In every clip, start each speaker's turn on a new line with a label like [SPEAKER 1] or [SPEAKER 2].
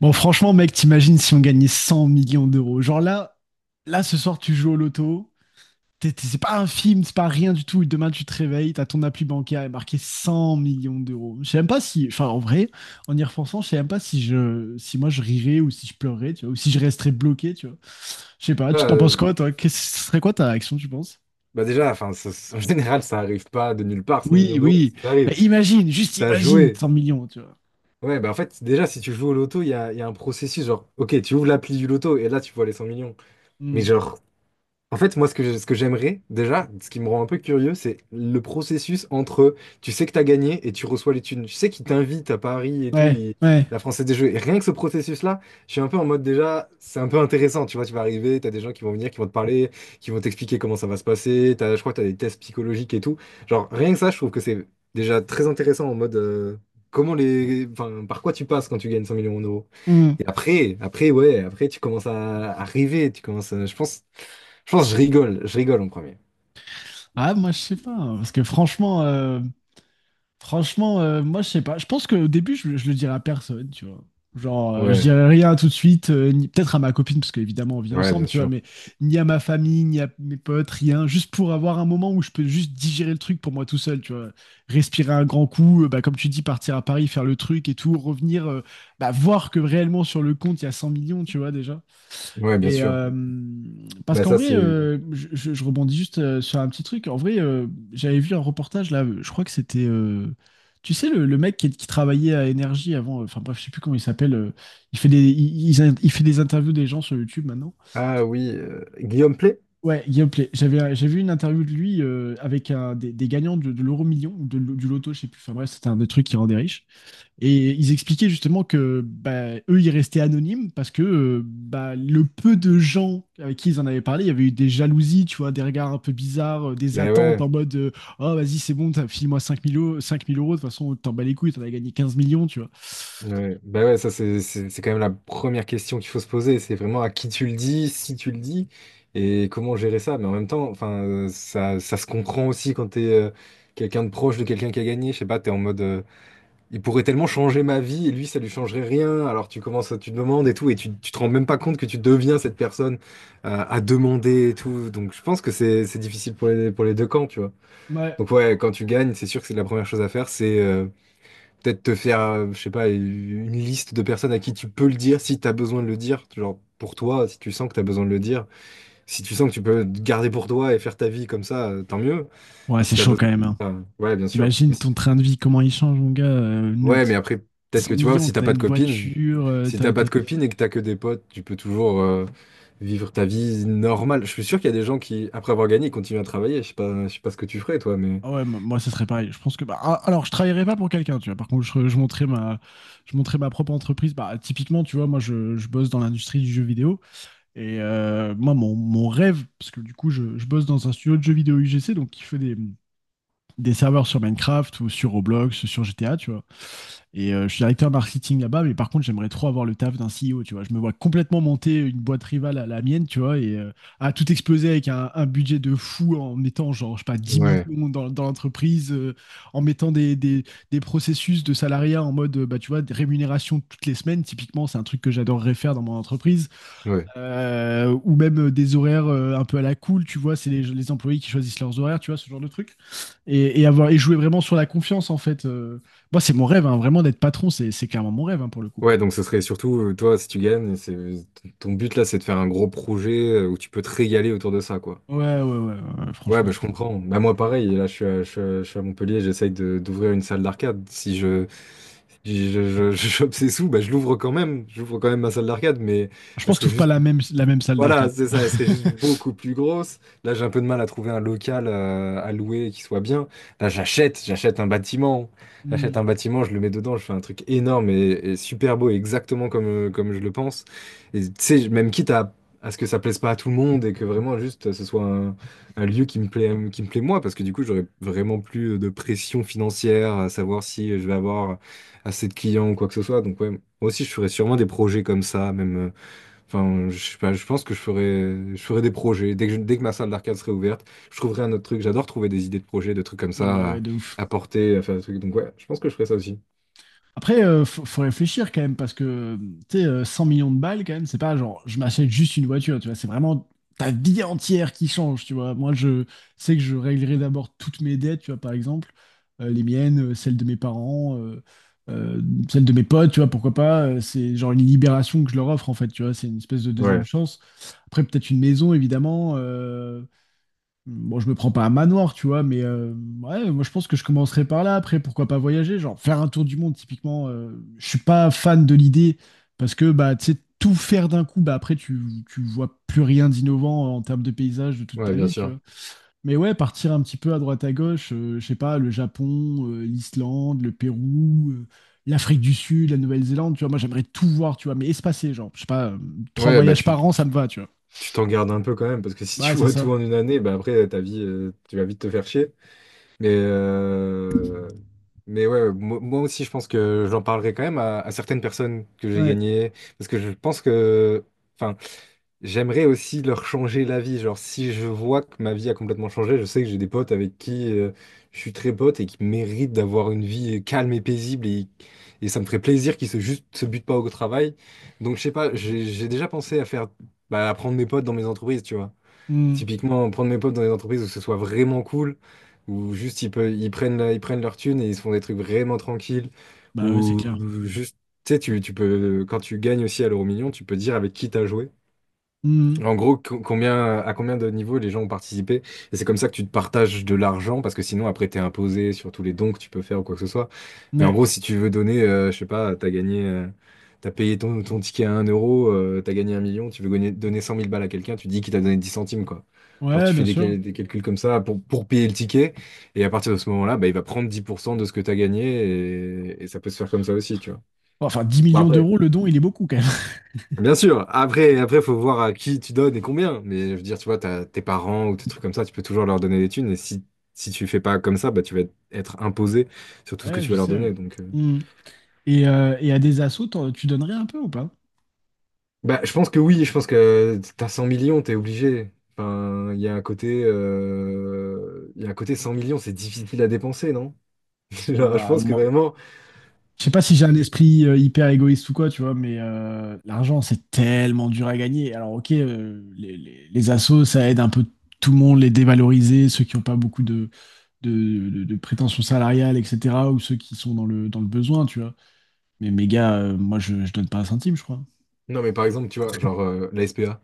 [SPEAKER 1] Bon, franchement, mec, t'imagines si on gagnait 100 millions d'euros. Genre là, ce soir, tu joues au loto. C'est pas un film, c'est pas rien du tout. Et demain, tu te réveilles, t'as ton appui bancaire et marqué 100 millions d'euros. Je sais même pas si, enfin, en vrai, en y repensant, je sais même pas si moi je rirais ou si je pleurais, tu vois, ou si je resterais bloqué, tu vois. Je sais pas, tu t'en penses
[SPEAKER 2] Euh,
[SPEAKER 1] quoi, toi? Qu'est-ce ce serait quoi ta réaction, tu penses?
[SPEAKER 2] bah déjà, enfin, en général, ça arrive pas de nulle part, 100
[SPEAKER 1] Oui,
[SPEAKER 2] millions d'euros,
[SPEAKER 1] oui.
[SPEAKER 2] ça
[SPEAKER 1] Mais
[SPEAKER 2] arrive.
[SPEAKER 1] imagine, juste
[SPEAKER 2] T'as
[SPEAKER 1] imagine
[SPEAKER 2] joué.
[SPEAKER 1] 100 millions, tu vois.
[SPEAKER 2] Ouais, bah en fait, déjà, si tu joues au loto, il y a un processus, genre, ok, tu ouvres l'appli du loto et là, tu vois les 100 millions.
[SPEAKER 1] Hmm.
[SPEAKER 2] Mais genre, en fait, moi, ce que j'aimerais déjà, ce qui me rend un peu curieux, c'est le processus entre tu sais que t'as gagné et tu reçois les thunes. Tu sais qu'ils t'invitent à Paris et tout,
[SPEAKER 1] Ouais, ouais.
[SPEAKER 2] la Française des Jeux. Et rien que ce processus-là, je suis un peu en mode déjà, c'est un peu intéressant. Tu vois, tu vas arriver, t'as des gens qui vont venir, qui vont te parler, qui vont t'expliquer comment ça va se passer. Je crois que t'as des tests psychologiques et tout. Genre, rien que ça, je trouve que c'est déjà très intéressant en mode comment enfin, par quoi tu passes quand tu gagnes 100 millions d'euros.
[SPEAKER 1] Hmm.
[SPEAKER 2] Et après, ouais, après, tu commences à arriver, tu commences à, je pense. Je pense que je rigole en premier.
[SPEAKER 1] Ah, moi, je sais pas, hein, parce que Franchement, moi, je sais pas. Je pense qu'au début, je le dirais à personne, tu vois. Genre, je
[SPEAKER 2] Ouais,
[SPEAKER 1] dirais rien tout de suite, peut-être à ma copine, parce qu'évidemment, on vit
[SPEAKER 2] ouais,
[SPEAKER 1] ensemble,
[SPEAKER 2] bien
[SPEAKER 1] tu vois,
[SPEAKER 2] sûr.
[SPEAKER 1] mais ni à ma famille, ni à mes potes, rien. Juste pour avoir un moment où je peux juste digérer le truc pour moi tout seul, tu vois. Respirer un grand coup, bah, comme tu dis, partir à Paris, faire le truc et tout, revenir, bah, voir que réellement sur le compte, il y a 100 millions, tu vois, déjà.
[SPEAKER 2] Ouais, bien
[SPEAKER 1] Et
[SPEAKER 2] sûr.
[SPEAKER 1] parce
[SPEAKER 2] Bah
[SPEAKER 1] qu'en
[SPEAKER 2] ça
[SPEAKER 1] vrai,
[SPEAKER 2] c'est.
[SPEAKER 1] je rebondis juste sur un petit truc. En vrai, j'avais vu un reportage là, je crois que c'était, tu sais, le mec qui travaillait à Énergie avant, enfin bref, je sais plus comment il s'appelle. Il fait il fait des interviews des gens sur YouTube maintenant.
[SPEAKER 2] Ah oui, Guillaume Play?
[SPEAKER 1] Ouais, Guillaume Play. J'ai vu une interview de lui avec des gagnants de l'euro million ou du loto, je sais plus. Enfin bref, c'était un des trucs qui rendait riche. Et ils expliquaient justement que bah, eux, ils restaient anonymes parce que bah, le peu de gens avec qui ils en avaient parlé, il y avait eu des jalousies, tu vois, des regards un peu bizarres, des
[SPEAKER 2] Bah
[SPEAKER 1] attentes
[SPEAKER 2] ouais,
[SPEAKER 1] en mode Oh, vas-y, c'est bon, file-moi 5 000 euros, 5 000 euros, de toute façon, t'en bats les couilles, t'en as gagné 15 millions, tu vois.
[SPEAKER 2] ouais. Bah ouais, ça c'est quand même la première question qu'il faut se poser. C'est vraiment à qui tu le dis, si tu le dis, et comment gérer ça. Mais en même temps, enfin, ça se comprend aussi quand t'es quelqu'un de proche de quelqu'un qui a gagné. Je sais pas, t'es en mode, il pourrait tellement changer ma vie et lui, ça lui changerait rien. Alors tu commences, tu demandes et tout, et tu te rends même pas compte que tu deviens cette personne à demander et tout. Donc je pense que c'est difficile pour les deux camps, tu vois.
[SPEAKER 1] Ouais.
[SPEAKER 2] Donc ouais, quand tu gagnes, c'est sûr que c'est la première chose à faire, c'est peut-être te faire, je sais pas, une liste de personnes à qui tu peux le dire si tu as besoin de le dire. Genre pour toi, si tu sens que tu as besoin de le dire. Si tu sens que tu peux garder pour toi et faire ta vie comme ça, tant mieux.
[SPEAKER 1] Ouais,
[SPEAKER 2] Mais si
[SPEAKER 1] c'est
[SPEAKER 2] tu as
[SPEAKER 1] chaud
[SPEAKER 2] besoin.
[SPEAKER 1] quand même, hein.
[SPEAKER 2] Ouais, bien sûr. Mais
[SPEAKER 1] T'imagines
[SPEAKER 2] si.
[SPEAKER 1] ton train de vie, comment il change, mon gars.
[SPEAKER 2] Ouais, mais après, peut-être
[SPEAKER 1] 100
[SPEAKER 2] que tu vois,
[SPEAKER 1] millions, t'as une voiture,
[SPEAKER 2] si t'as pas de copine et que t'as que des potes, tu peux toujours vivre ta vie normale. Je suis sûr qu'il y a des gens qui, après avoir gagné, continuent à travailler. Je sais pas ce que tu ferais, toi, mais.
[SPEAKER 1] Ah ouais, moi, ça serait pareil. Je pense que, bah, alors, je travaillerais pas pour quelqu'un, tu vois. Par contre, je monterais ma propre entreprise. Bah, typiquement, tu vois, moi, je bosse dans l'industrie du jeu vidéo. Et moi, mon rêve, parce que du coup, je bosse dans un studio de jeux vidéo UGC, donc qui fait des serveurs sur Minecraft ou sur Roblox, sur GTA, tu vois. Et je suis directeur marketing là-bas, mais par contre, j'aimerais trop avoir le taf d'un CEO, tu vois. Je me vois complètement monter une boîte rivale à la mienne, tu vois, et à tout exploser avec un budget de fou en mettant, genre, je sais pas, dix
[SPEAKER 2] Ouais,
[SPEAKER 1] millions dans l'entreprise, en mettant des processus de salariat en mode, bah, tu vois, des rémunérations toutes les semaines. Typiquement, c'est un truc que j'adorerais faire dans mon entreprise.
[SPEAKER 2] ouais.
[SPEAKER 1] Ou même des horaires un peu à la cool, tu vois, c'est les employés qui choisissent leurs horaires, tu vois, ce genre de truc. Et jouer vraiment sur la confiance, en fait. Moi, c'est mon rêve, hein, vraiment d'être patron, c'est carrément mon rêve, hein, pour le coup.
[SPEAKER 2] Ouais, donc ce serait surtout, toi, si tu gagnes, c'est ton but là, c'est de faire un gros projet où tu peux te régaler autour de ça, quoi.
[SPEAKER 1] Ouais, ouais, ouais, ouais, ouais,
[SPEAKER 2] Ouais, bah,
[SPEAKER 1] franchement.
[SPEAKER 2] je comprends. Bah, moi, pareil, là, je suis à Montpellier, j'essaye de, d'ouvrir une salle d'arcade. Si je, si je, je, je chope ces sous, bah, je l'ouvre quand même. J'ouvre quand même ma salle d'arcade, mais
[SPEAKER 1] Je
[SPEAKER 2] elle
[SPEAKER 1] pense que
[SPEAKER 2] serait
[SPEAKER 1] tu pas
[SPEAKER 2] juste
[SPEAKER 1] la même salle
[SPEAKER 2] voilà,
[SPEAKER 1] d'arcade, tu
[SPEAKER 2] c'est
[SPEAKER 1] vois.
[SPEAKER 2] ça, elle serait juste beaucoup plus grosse. Là, j'ai un peu de mal à trouver un local à louer qui soit bien. Là, j'achète un bâtiment.
[SPEAKER 1] Hmm.
[SPEAKER 2] J'achète un bâtiment, je le mets dedans, je fais un truc énorme et super beau, exactement comme je le pense. Et tu sais, même quitte à ce que ça plaise pas à tout le monde et que vraiment juste ce soit un lieu qui me plaît moi, parce que du coup, j'aurais vraiment plus de pression financière à savoir si je vais avoir assez de clients ou quoi que ce soit. Donc, ouais, moi aussi, je ferais sûrement des projets comme ça, même. Enfin, je sais pas, je pense que je ferais des projets. Dès que ma salle d'arcade serait ouverte, je trouverais un autre truc. J'adore trouver des idées de projets, de trucs comme
[SPEAKER 1] Ouais,
[SPEAKER 2] ça
[SPEAKER 1] ouais, de ouf.
[SPEAKER 2] à porter, à faire des trucs. Donc ouais, je pense que je ferais ça aussi.
[SPEAKER 1] Après, faut réfléchir quand même, parce que, tu sais, 100 millions de balles, quand même, c'est pas genre, je m'achète juste une voiture, tu vois, c'est vraiment ta vie entière qui change, tu vois. Moi, je sais que je réglerai d'abord toutes mes dettes, tu vois, par exemple, les miennes, celles de mes parents, euh, celles de mes potes, tu vois, pourquoi pas, c'est genre une libération que je leur offre, en fait, tu vois, c'est une espèce de deuxième
[SPEAKER 2] Ouais,
[SPEAKER 1] chance. Après, peut-être une maison, évidemment. Bon, je me prends pas un manoir, tu vois, mais ouais, moi je pense que je commencerai par là. Après, pourquoi pas voyager? Genre, faire un tour du monde, typiquement, je suis pas fan de l'idée parce que, bah, tu sais, tout faire d'un coup, bah, après, tu vois plus rien d'innovant en termes de paysage de toute
[SPEAKER 2] ouais,
[SPEAKER 1] ta
[SPEAKER 2] bien
[SPEAKER 1] vie, tu
[SPEAKER 2] sûr.
[SPEAKER 1] vois. Mais ouais, partir un petit peu à droite à gauche, je sais pas, le Japon, l'Islande, le Pérou, l'Afrique du Sud, la Nouvelle-Zélande, tu vois, moi j'aimerais tout voir, tu vois, mais espacé, genre, je sais pas, trois
[SPEAKER 2] Ouais, bah
[SPEAKER 1] voyages par an, ça me va, tu vois.
[SPEAKER 2] tu t'en gardes un peu quand même, parce que si
[SPEAKER 1] Ouais,
[SPEAKER 2] tu
[SPEAKER 1] c'est
[SPEAKER 2] vois tout
[SPEAKER 1] ça.
[SPEAKER 2] en une année, bah après ta vie, tu vas vite te faire chier. Mais, euh, mais ouais, moi aussi, je pense que j'en parlerai quand même à certaines personnes que j'ai
[SPEAKER 1] Ouais.
[SPEAKER 2] gagnées, parce que je pense que, enfin. J'aimerais aussi leur changer la vie. Genre, si je vois que ma vie a complètement changé, je sais que j'ai des potes avec qui je suis très pote et qui méritent d'avoir une vie calme et paisible. Et ça me ferait plaisir qu'ils se, juste, se butent pas au travail. Donc, je sais pas, j'ai déjà pensé à faire, bah, à prendre mes potes dans mes entreprises, tu vois.
[SPEAKER 1] Hmm.
[SPEAKER 2] Typiquement, prendre mes potes dans des entreprises où ce soit vraiment cool, où juste ils prennent, leur thune et ils se font des trucs vraiment tranquilles,
[SPEAKER 1] Bah ouais, c'est
[SPEAKER 2] ou
[SPEAKER 1] clair.
[SPEAKER 2] juste, tu sais, tu peux, quand tu gagnes aussi à l'euro million, tu peux dire avec qui t'as joué.
[SPEAKER 1] Mhm.
[SPEAKER 2] En gros, combien, à combien de niveaux les gens ont participé? Et c'est comme ça que tu te partages de l'argent, parce que sinon, après, t'es imposé sur tous les dons que tu peux faire ou quoi que ce soit. Mais en
[SPEAKER 1] Ouais.
[SPEAKER 2] gros, si tu veux donner, je sais pas, t'as gagné, t'as payé ton ticket à un euro, t'as gagné 1 million, donner 100 000 balles à quelqu'un, tu dis qu'il t'a donné 10 centimes, quoi. Genre,
[SPEAKER 1] Ouais,
[SPEAKER 2] tu fais
[SPEAKER 1] bien sûr.
[SPEAKER 2] des calculs comme ça pour payer le ticket, et à partir de ce moment-là, bah, il va prendre 10% de ce que t'as gagné, et ça peut se faire comme ça aussi, tu vois.
[SPEAKER 1] Enfin, dix
[SPEAKER 2] Bon,
[SPEAKER 1] millions
[SPEAKER 2] après,
[SPEAKER 1] d'euros, le don, il est beaucoup quand même.
[SPEAKER 2] Bien sûr, après, faut voir à qui tu donnes et combien. Mais je veux dire, tu vois, t'as tes parents ou tes trucs comme ça, tu peux toujours leur donner des thunes. Et si tu fais pas comme ça, bah, tu vas être imposé sur tout ce que
[SPEAKER 1] Ouais,
[SPEAKER 2] tu
[SPEAKER 1] je
[SPEAKER 2] vas leur
[SPEAKER 1] sais, ouais.
[SPEAKER 2] donner. Donc,
[SPEAKER 1] Mhm. Et à des assos, tu donnerais un peu ou pas?
[SPEAKER 2] bah, je pense que oui, je pense que t'as 100 millions, t'es obligé. Enfin, il y a un côté 100 millions, c'est difficile à dépenser, non?
[SPEAKER 1] Bon,
[SPEAKER 2] Genre, je
[SPEAKER 1] bah,
[SPEAKER 2] pense que
[SPEAKER 1] moi,
[SPEAKER 2] vraiment.
[SPEAKER 1] je sais pas si j'ai un esprit hyper égoïste ou quoi, tu vois, mais l'argent, c'est tellement dur à gagner. Alors, ok, les assos, ça aide un peu tout le monde, les dévaloriser, ceux qui n'ont pas beaucoup de prétentions salariales, etc., ou ceux qui sont dans le besoin, tu vois. Mais mes gars, moi, je donne pas un centime, je crois.
[SPEAKER 2] Non, mais par exemple, tu vois, genre la SPA.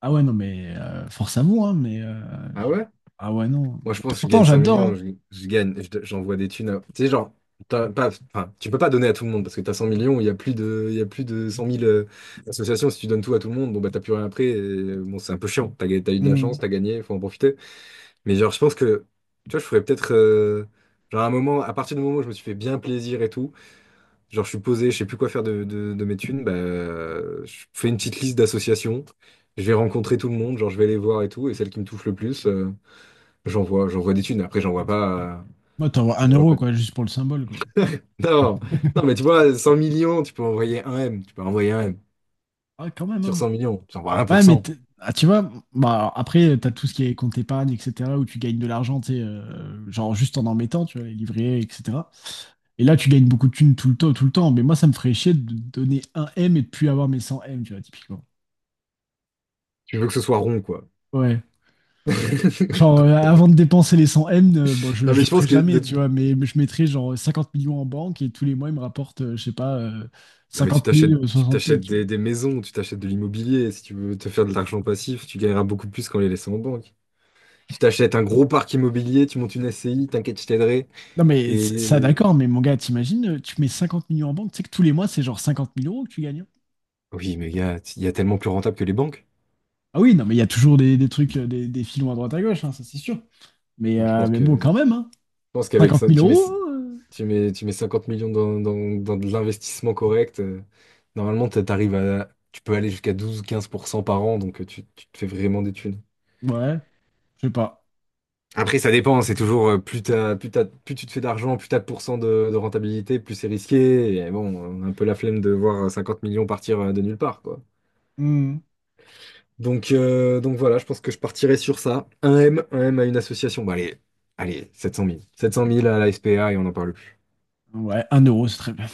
[SPEAKER 1] Ah ouais, non, mais force à vous, hein,
[SPEAKER 2] Ah
[SPEAKER 1] je-
[SPEAKER 2] ouais?
[SPEAKER 1] Ah ouais, non.
[SPEAKER 2] Moi, je
[SPEAKER 1] Bah,
[SPEAKER 2] pense que je
[SPEAKER 1] pourtant,
[SPEAKER 2] gagne 100
[SPEAKER 1] j'adore,
[SPEAKER 2] millions,
[SPEAKER 1] hein.
[SPEAKER 2] j'envoie des thunes. Tu sais, genre, t'as pas, enfin, tu peux pas donner à tout le monde parce que t'as 100 millions, il y a plus de 100 000 associations. Si tu donnes tout à tout le monde, bon, bah, t'as plus rien après. Et, bon, c'est un peu chiant. T'as eu de la chance,
[SPEAKER 1] Hmm.
[SPEAKER 2] t'as gagné, faut en profiter. Mais genre, je pense que, tu vois, je ferais peut-être, genre, à un moment, à partir du moment où je me suis fait bien plaisir et tout, genre, je suis posé, je sais plus quoi faire de mes thunes, bah, je fais une petite liste d'associations. Je vais rencontrer tout le monde, genre, je vais les voir et tout, et celle qui me touche le plus. J'envoie des thunes. Après,
[SPEAKER 1] Moi, t'envoies un
[SPEAKER 2] j'envoie
[SPEAKER 1] euro,
[SPEAKER 2] pas de.
[SPEAKER 1] quoi, juste pour le symbole, quoi.
[SPEAKER 2] Non, non, mais tu vois, 100 millions, tu peux envoyer un M. Tu peux envoyer un M.
[SPEAKER 1] Ah, quand même,
[SPEAKER 2] Sur
[SPEAKER 1] hein.
[SPEAKER 2] 100 millions, tu envoies un pour
[SPEAKER 1] Ouais, mais
[SPEAKER 2] cent
[SPEAKER 1] ah, tu vois, bah, alors, après, t'as tout ce qui est compte épargne, etc., où tu gagnes de l'argent, tu sais, genre juste en mettant, tu vois, les livrets, etc. Et là, tu gagnes beaucoup de thunes tout le temps, tout le temps. Mais moi, ça me ferait chier de donner un M et de plus avoir mes 100 M, tu vois, typiquement.
[SPEAKER 2] Tu veux que ce soit rond, quoi.
[SPEAKER 1] Ouais. Genre, avant de dépenser les 100 millions M, bon, je,
[SPEAKER 2] Non,
[SPEAKER 1] je
[SPEAKER 2] mais
[SPEAKER 1] le
[SPEAKER 2] je
[SPEAKER 1] ferai
[SPEAKER 2] pense que.
[SPEAKER 1] jamais,
[SPEAKER 2] de.
[SPEAKER 1] tu vois, mais je mettrai genre 50 millions en banque et tous les mois, il me rapporte, je sais pas,
[SPEAKER 2] Non, mais
[SPEAKER 1] 50 000,
[SPEAKER 2] tu
[SPEAKER 1] 60 000,
[SPEAKER 2] t'achètes
[SPEAKER 1] tu vois.
[SPEAKER 2] des maisons, tu t'achètes de l'immobilier. Si tu veux te faire de l'argent passif, tu gagneras beaucoup plus qu'en les laissant en banque. Tu t'achètes un gros parc immobilier, tu montes une SCI, t'inquiète, je t'aiderai.
[SPEAKER 1] Non, mais ça,
[SPEAKER 2] Et.
[SPEAKER 1] d'accord, mais mon gars, t'imagines, tu mets 50 millions en banque, tu sais que tous les mois, c'est genre 50 000 euros que tu gagnes, hein.
[SPEAKER 2] Oui, mais il y a tellement plus rentable que les banques.
[SPEAKER 1] Ah oui, non, mais il y a toujours des trucs, des filons à droite à gauche, hein, ça c'est sûr.
[SPEAKER 2] Moi, je pense
[SPEAKER 1] Mais bon,
[SPEAKER 2] que.
[SPEAKER 1] quand même, hein,
[SPEAKER 2] Je pense qu'avec
[SPEAKER 1] 50
[SPEAKER 2] ça,
[SPEAKER 1] 000
[SPEAKER 2] tu mets.
[SPEAKER 1] euros,
[SPEAKER 2] Tu mets 50 millions dans de l'investissement correct. Normalement, t'arrives à, tu peux aller jusqu'à 12-15% par an, donc tu te fais vraiment des thunes.
[SPEAKER 1] ouais, je sais pas.
[SPEAKER 2] Après, ça dépend, hein, c'est toujours plus tu te fais d'argent, plus t'as de pourcents de rentabilité, plus c'est risqué. Et bon, on a un peu la flemme de voir 50 millions partir de nulle part, quoi.
[SPEAKER 1] Hmm.
[SPEAKER 2] Donc, voilà, je pense que je partirai sur ça. Un M à une association. Bon, allez, allez, 700 000. 700 000 à la SPA et on n'en parle plus.
[SPEAKER 1] Ouais, un euro, c'est très bien.